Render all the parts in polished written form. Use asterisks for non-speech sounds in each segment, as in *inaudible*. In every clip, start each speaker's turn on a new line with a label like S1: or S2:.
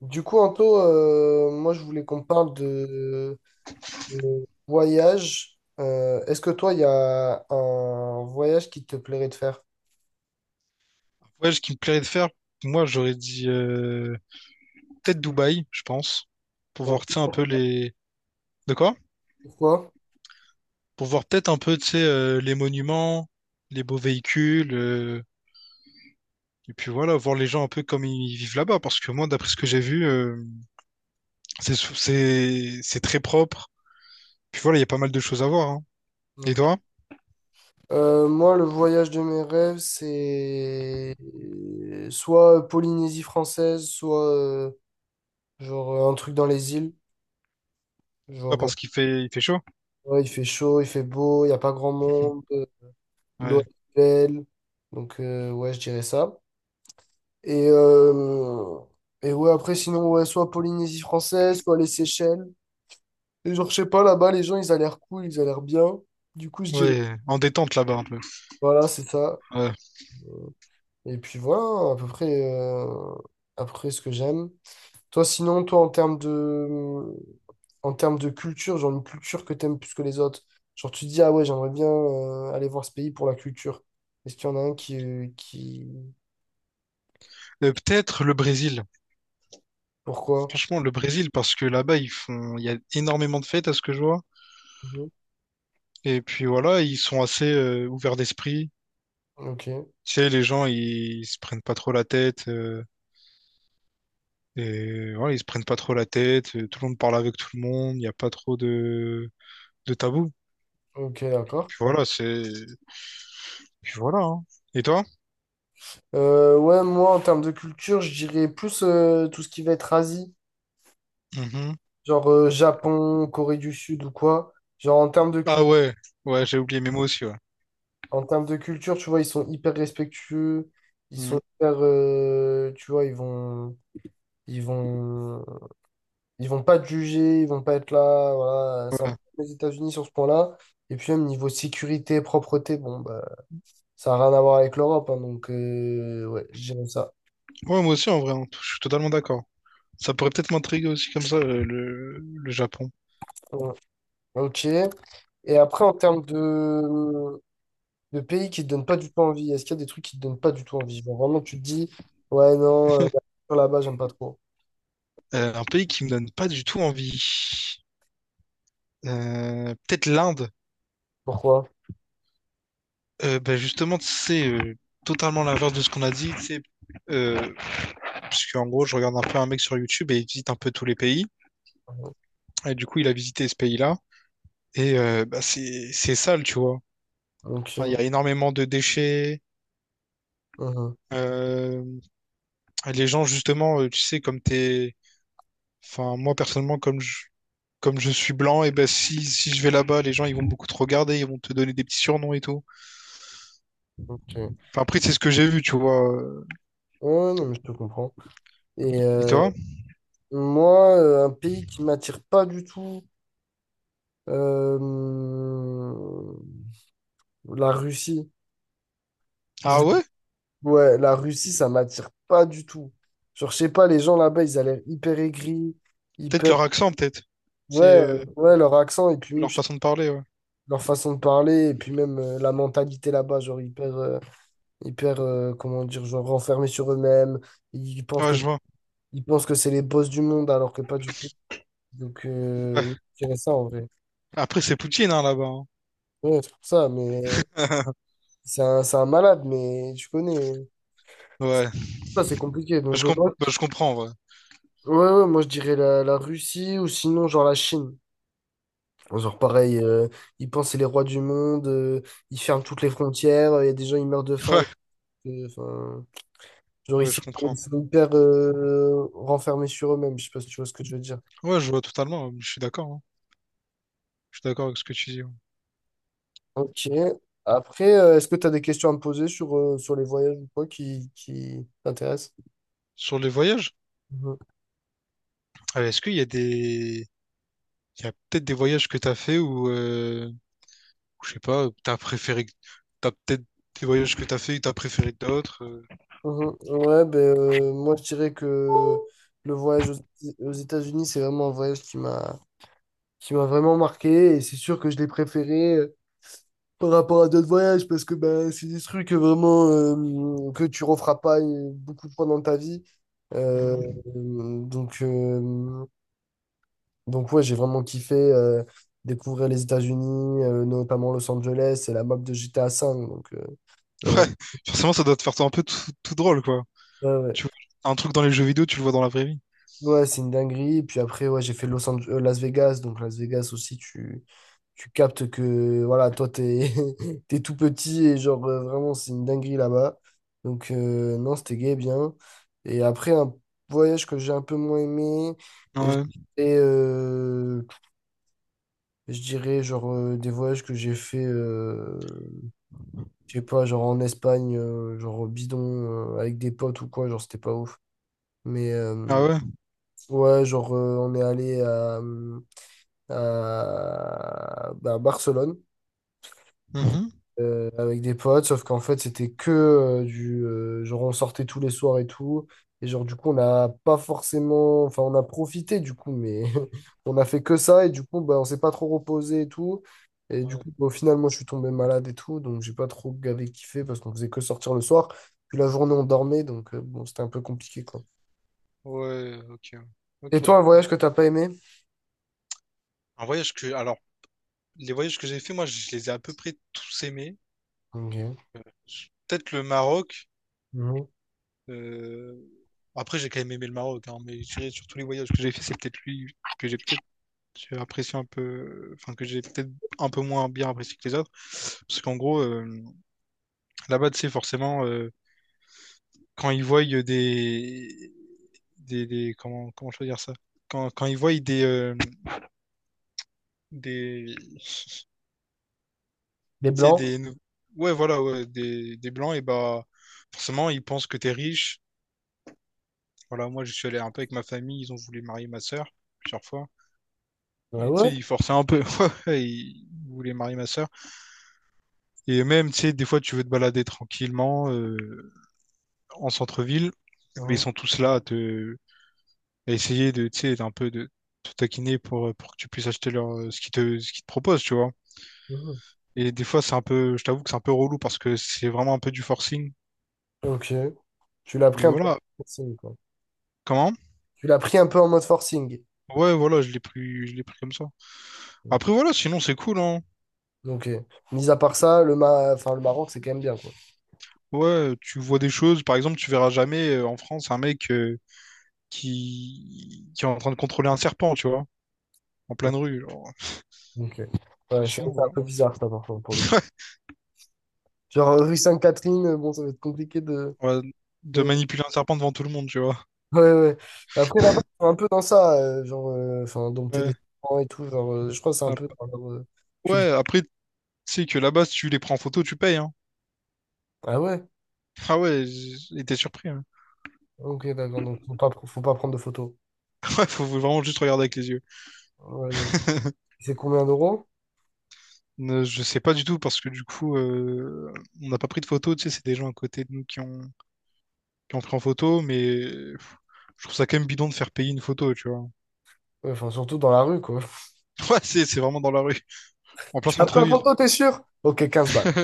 S1: Du coup, Anto, moi je voulais qu'on parle de voyage. Est-ce que toi, il y a un voyage qui te plairait de faire?
S2: Ouais, ce qui me plairait de faire, moi, j'aurais dit peut-être Dubaï, je pense, pour
S1: Donc,
S2: voir, tu sais, un peu les... De quoi?
S1: pourquoi?
S2: Pour voir peut-être un peu, tu sais, les monuments, les beaux véhicules, et puis voilà, voir les gens un peu comme ils vivent là-bas, parce que moi, d'après ce que j'ai vu, c'est très propre. Puis voilà, il y a pas mal de choses à voir, hein. Et
S1: Donc,
S2: toi?
S1: moi, le voyage de mes rêves, c'est soit Polynésie française, soit un truc dans les îles.
S2: Pourquoi?
S1: Genre, euh,
S2: Parce qu'il fait chaud?
S1: ouais, il fait chaud, il fait beau, il n'y a pas grand monde, l'eau
S2: Ouais,
S1: est belle. Donc, ouais, je dirais ça. Et, euh, et ouais, après, sinon, ouais, soit Polynésie française, soit les Seychelles. Et genre, je sais pas, là-bas, les gens, ils ont l'air cool, ils ont l'air bien. Du coup, je dirais,
S2: ouais, en détente là-bas un peu.
S1: voilà, c'est ça.
S2: Ouais.
S1: Et puis voilà, euh, à peu près ce que j'aime. Toi, sinon, toi, en termes de culture, genre une culture que t'aimes plus que les autres. Genre, tu te dis, ah ouais, j'aimerais bien aller voir ce pays pour la culture. Est-ce qu'il y en a un qui...
S2: Peut-être le Brésil.
S1: Pourquoi?
S2: Franchement, le Brésil, parce que là-bas, ils font, il y a énormément de fêtes à ce que je vois.
S1: Mhm.
S2: Et puis voilà, ils sont assez ouverts d'esprit.
S1: Ok,
S2: Tu sais, les gens, ils se prennent pas trop la tête. Et voilà, ils se prennent pas trop la tête. Tout le monde parle avec tout le monde. Il n'y a pas trop de tabou.
S1: ok, d'accord.
S2: Puis voilà, c'est. Puis voilà, hein. Et toi?
S1: Ouais, moi, en termes de culture, je dirais plus tout ce qui va être Asie,
S2: Mhm.
S1: genre Japon, Corée du Sud ou quoi. Genre, en termes de
S2: Ah
S1: cul-
S2: ouais, ouais, j'ai oublié, mais moi aussi, ouais.
S1: en termes de culture, tu vois, ils sont hyper respectueux, ils sont
S2: Mhm.
S1: hyper, tu vois, ils vont, ils vont pas te juger, ils vont pas être là, voilà. C'est un peu
S2: Ouais.
S1: comme les États-Unis sur ce point-là. Et puis, même niveau sécurité, propreté, bon, bah, ça n'a rien à voir avec l'Europe, hein, donc, ouais, je dirais ça.
S2: Ouais, moi aussi, en vrai, hein, je suis totalement d'accord. Ça pourrait peut-être m'intriguer aussi comme ça, le Japon.
S1: Ouais. Ok. Et après, en termes de pays qui te donnent pas du tout envie? Est-ce qu'il y a des trucs qui te donnent pas du tout envie? Genre vraiment, tu te dis, ouais, non, la culture là-bas, j'aime pas trop.
S2: Un pays qui me donne pas du tout envie. Peut-être l'Inde.
S1: Pourquoi?
S2: Ben justement, c'est totalement l'inverse de ce qu'on a dit, tu sais, euh, parce qu'en gros, je regarde un peu un mec sur YouTube et il visite un peu tous les pays. Et du coup, il a visité ce pays-là. Et bah, c'est sale, tu vois. Enfin, il y
S1: Ok.
S2: a énormément de déchets.
S1: Mhm,
S2: Euh, et les gens, justement, tu sais, comme t'es... Enfin, moi, personnellement, comme je suis blanc, et ben si je vais là-bas, les gens, ils vont beaucoup te regarder, ils vont te donner des petits surnoms et tout.
S1: ok. Ouais,
S2: Enfin, après, c'est ce que j'ai vu, tu vois.
S1: non, mais je te comprends. Et
S2: Et toi?
S1: moi, un pays qui m'attire pas du tout, euh, la Russie. Je-
S2: Ah ouais?
S1: Ouais, la Russie, ça m'attire pas du tout. Genre, je sais pas, les gens là-bas, ils ont l'air hyper aigris,
S2: Peut-être
S1: hyper...
S2: leur accent, peut-être. C'est
S1: Ouais, ouais, leur accent, et puis même,
S2: Leur
S1: je
S2: façon de parler, ouais.
S1: leur façon de parler et puis même la mentalité là-bas, genre hyper, hyper, comment dire, genre renfermés sur eux-mêmes. Ils pensent
S2: Ouais,
S1: que,
S2: je vois.
S1: ils pensent que c'est les boss du monde alors que pas du tout. Donc,
S2: Ouais.
S1: je dirais ça en vrai.
S2: Après, c'est Poutine, hein, là-bas, hein.
S1: Ouais, c'est pour ça, mais
S2: *laughs*
S1: c'est un malade, mais tu connais.
S2: Ouais.
S1: Ça, c'est compliqué. Donc, moi,
S2: Bah, je comprends, ouais.
S1: ouais, ouais, moi, je dirais la Russie ou sinon, genre la Chine. Genre pareil, ils pensent que c'est les rois du monde, ils ferment toutes les frontières, il y a des gens, ils meurent de faim.
S2: Ouais,
S1: Enfin, Genre, ils
S2: ouais,
S1: sont,
S2: je
S1: ils
S2: comprends.
S1: sont hyper renfermés sur eux-mêmes. Je sais pas si tu vois ce que je veux dire.
S2: Ouais, je vois totalement, ouais. Je suis d'accord, hein. Je suis d'accord avec ce que tu dis, ouais.
S1: Ok. Après, est-ce que tu as des questions à me poser sur, sur les voyages ou quoi qui t'intéressent?
S2: Sur les voyages,
S1: Mhm.
S2: est-ce qu'il y a des... Il y a peut-être des voyages que t'as fait ou je sais pas, t'as préféré... T'as peut-être des voyages que t'as fait que t'as préféré que d'autres, euh?
S1: Mhm. Ouais, ben, moi, je dirais que le voyage aux États-Unis, c'est vraiment un voyage qui m'a vraiment marqué. Et c'est sûr que je l'ai préféré par rapport à d'autres voyages parce que ben, c'est des trucs vraiment que tu referas pas beaucoup de fois dans ta vie. Euh,
S2: Mhm.
S1: donc, euh, Donc ouais, j'ai vraiment kiffé découvrir les États-Unis, notamment Los Angeles et la map de GTA V. Donc,
S2: Ouais,
S1: genre,
S2: *laughs* forcément, ça doit te faire un peu tout drôle, quoi.
S1: ouais, ouais.
S2: Tu vois, un truc dans les jeux vidéo, tu le vois dans la vraie vie.
S1: Ouais, c'est une dinguerie. Et puis après, ouais, j'ai fait Los Ange- Las Vegas. Donc Las Vegas aussi, tu captes que voilà, toi, t'es *laughs* t'es tout petit et vraiment, c'est une dinguerie là-bas. Donc non, c'était gay, bien. Et après, un voyage que j'ai un peu moins aimé. Et j'ai
S2: Ouais.
S1: fait, je dirais des voyages que j'ai fait je sais pas, genre en Espagne, genre au bidon, avec des potes ou quoi, genre c'était pas ouf. Mais
S2: Ah ouais.
S1: ouais, on est allé à Barcelone.
S2: Mhm.
S1: Avec des potes, sauf qu'en fait, c'était que du... genre, on sortait tous les soirs et tout. Et genre, du coup, on n'a pas forcément... Enfin, on a profité, du coup, mais *laughs* on a fait que ça. Et du coup, bah, on s'est pas trop reposé et tout. Et du
S2: Ouais.
S1: coup, bah, au final, moi, je suis tombé malade et tout. Donc, j'ai pas trop gavé kiffé parce qu'on faisait que sortir le soir. Puis la journée, on dormait. Donc, bon, c'était un peu compliqué, quoi.
S2: Ouais, ok.
S1: Et
S2: Ok.
S1: toi, un voyage que t'as pas aimé?
S2: Un voyage que, alors, les voyages que j'ai fait, moi, je les ai à peu près tous aimés.
S1: Ok.
S2: Euh, Peut-être le Maroc.
S1: Mhm.
S2: Euh, après, j'ai quand même aimé le Maroc, hein, mais je dirais sur tous les voyages que j'ai fait, c'est peut-être lui que j'ai peut-être apprécié un peu, enfin que j'ai peut-être un peu moins bien apprécié que les autres. Parce qu'en gros, là-bas, tu sais, forcément, quand ils voient comment, comment je peux dire ça? Quand ils voient tu
S1: Les
S2: sais,
S1: Blancs?
S2: ouais, voilà, ouais, des blancs, et bah, forcément, ils pensent que t'es riche. Voilà, moi, je suis allé un peu avec ma famille, ils ont voulu marier ma sœur plusieurs fois.
S1: Ah
S2: Et tu
S1: ouais?
S2: sais, il forçait un peu. *laughs* Il voulait marier ma sœur. Et même, tu sais, des fois, tu veux te balader tranquillement en centre-ville. Mais ils
S1: Mhm.
S2: sont tous là à essayer de, tu sais, d'un peu de te taquiner pour que tu puisses acheter leur, ce qu'ils te proposent, tu vois.
S1: Mhm.
S2: Et des fois, c'est un peu, je t'avoue que c'est un peu relou parce que c'est vraiment un peu du forcing.
S1: Ok. Tu l'as pris
S2: Mais
S1: un peu?
S2: voilà. Comment?
S1: Tu l'as pris un peu en mode forcing.
S2: Ouais, voilà, je l'ai pris comme ça. Après,
S1: Ok.
S2: voilà, sinon, c'est cool, hein.
S1: Donc, mis à part ça, le, Ma- enfin, le Maroc, c'est quand même bien, quoi.
S2: Ouais, tu vois des choses. Par exemple, tu verras jamais en France un mec, qui est en train de contrôler un serpent, tu vois, en pleine rue, genre.
S1: Donc,
S2: Mais
S1: ouais, c'est vrai que c'est un
S2: sinon,
S1: peu bizarre, ça, par contre, pour le coup. Genre, rue Sainte-Catherine, bon, ça va être compliqué
S2: voilà. Ouais, de
S1: de-
S2: manipuler un serpent devant tout le monde, tu vois.
S1: Ouais, ouais. Après, là-bas, ils sont un peu dans ça, genre, enfin, dompter des
S2: Ouais,
S1: serpents et tout, genre, je crois que c'est un peu
S2: Ap-
S1: dans leur
S2: ouais
S1: culte.
S2: après, tu sais que là-bas, si tu les prends en photo, tu payes, hein.
S1: Ah ouais?
S2: Ah ouais, j'étais surpris, hein.
S1: Ok, d'accord, donc faut pas prendre de photos.
S2: *laughs* Ouais, faut vraiment juste regarder avec les yeux.
S1: Ouais, ouais.
S2: *laughs*
S1: C'est combien d'euros?
S2: Je sais pas du tout parce que du coup, on n'a pas pris de photos. Tu sais, c'est des gens à côté de nous qui ont pris en photo, mais pff, je trouve ça quand même bidon de faire payer une photo, tu vois.
S1: Ouais, enfin, surtout dans la rue, quoi. *laughs*
S2: *laughs* Ouais, c'est vraiment dans la rue, en plein
S1: Tu m'as pris en
S2: centre-ville.
S1: photo, t'es sûr? Ok, 15 balles.
S2: *laughs*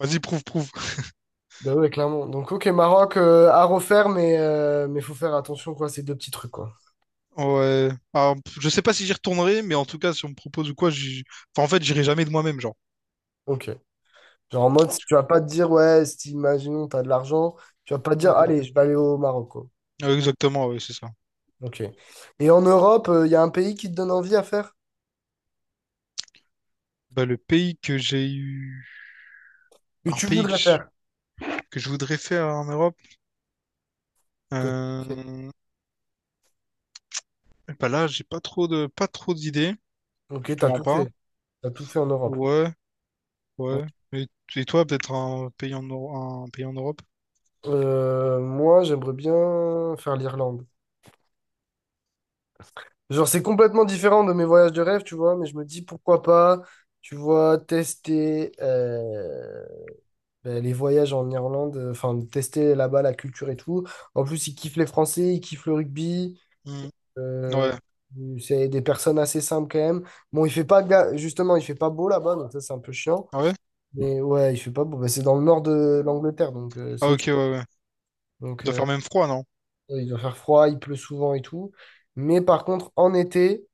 S2: Vas-y, prouve.
S1: Bah ouais, clairement. Donc, ok, Maroc à refaire, mais faut faire attention, quoi, ces deux petits trucs, quoi.
S2: Ouais. Alors, je sais pas si j'y retournerai, mais en tout cas, si on me propose ou quoi, j'y... enfin, en fait, j'irai jamais de moi-même, genre.
S1: Ok. Genre en mode,
S2: Tu
S1: tu vas
S2: vois.
S1: pas te dire, ouais, si imaginons, t'as de l'argent, tu vas pas te dire,
S2: Ouais.
S1: allez, je vais aller au Maroc, quoi.
S2: Ouais, exactement, ouais, c'est ça.
S1: Ok. Et en Europe, il y a un pays qui te donne envie à faire,
S2: Bah, le pays que j'ai eu,
S1: que
S2: un
S1: tu
S2: pays
S1: voudrais faire,
S2: que je voudrais faire en Europe,
S1: que t'as fait.
S2: euh... Bah là, j'ai pas trop de, pas trop d'idées,
S1: Ok,
S2: je te
S1: t'as
S2: mens
S1: tout
S2: pas.
S1: fait. T'as tout fait en Europe.
S2: Ouais, ouais. Et, et toi, peut-être un pays en, un pays en Europe?
S1: Moi, j'aimerais bien faire l'Irlande. Genre, c'est complètement différent de mes voyages de rêve, tu vois, mais je me dis pourquoi pas, tu vois, tester. Ben, les voyages en Irlande, enfin, de tester là-bas la culture et tout. En plus, ils kiffent les Français, ils kiffent le rugby.
S2: Hmm.
S1: euh,
S2: Ouais.
S1: c'est des personnes assez simples quand même. Bon, il fait pas, ga- justement, il fait pas beau là-bas, donc ça, c'est un peu chiant.
S2: Ah ouais.
S1: Mais ouais, il fait pas beau. Ben, c'est dans le nord de l'Angleterre, donc c'est
S2: Ah, ok,
S1: au-dessus.
S2: ouais, ouais.
S1: Donc,
S2: Doit faire même froid, non?
S1: ouais, il doit faire froid, il pleut souvent et tout. Mais par contre, en été,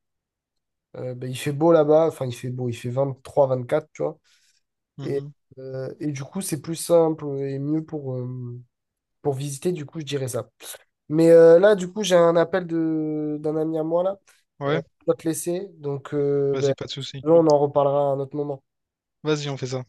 S1: ben, il fait beau là-bas. Enfin, il fait beau, il fait 23, 24, tu vois. Et,
S2: Mhm.
S1: et du coup, c'est plus simple et mieux pour visiter. Du coup, je dirais ça. Mais là, du coup, j'ai un appel de d'un ami à moi là.
S2: Ouais,
S1: Je dois te laisser. Donc,
S2: vas-y,
S1: ben,
S2: pas de souci.
S1: on en reparlera à un autre moment.
S2: Vas-y, on fait ça.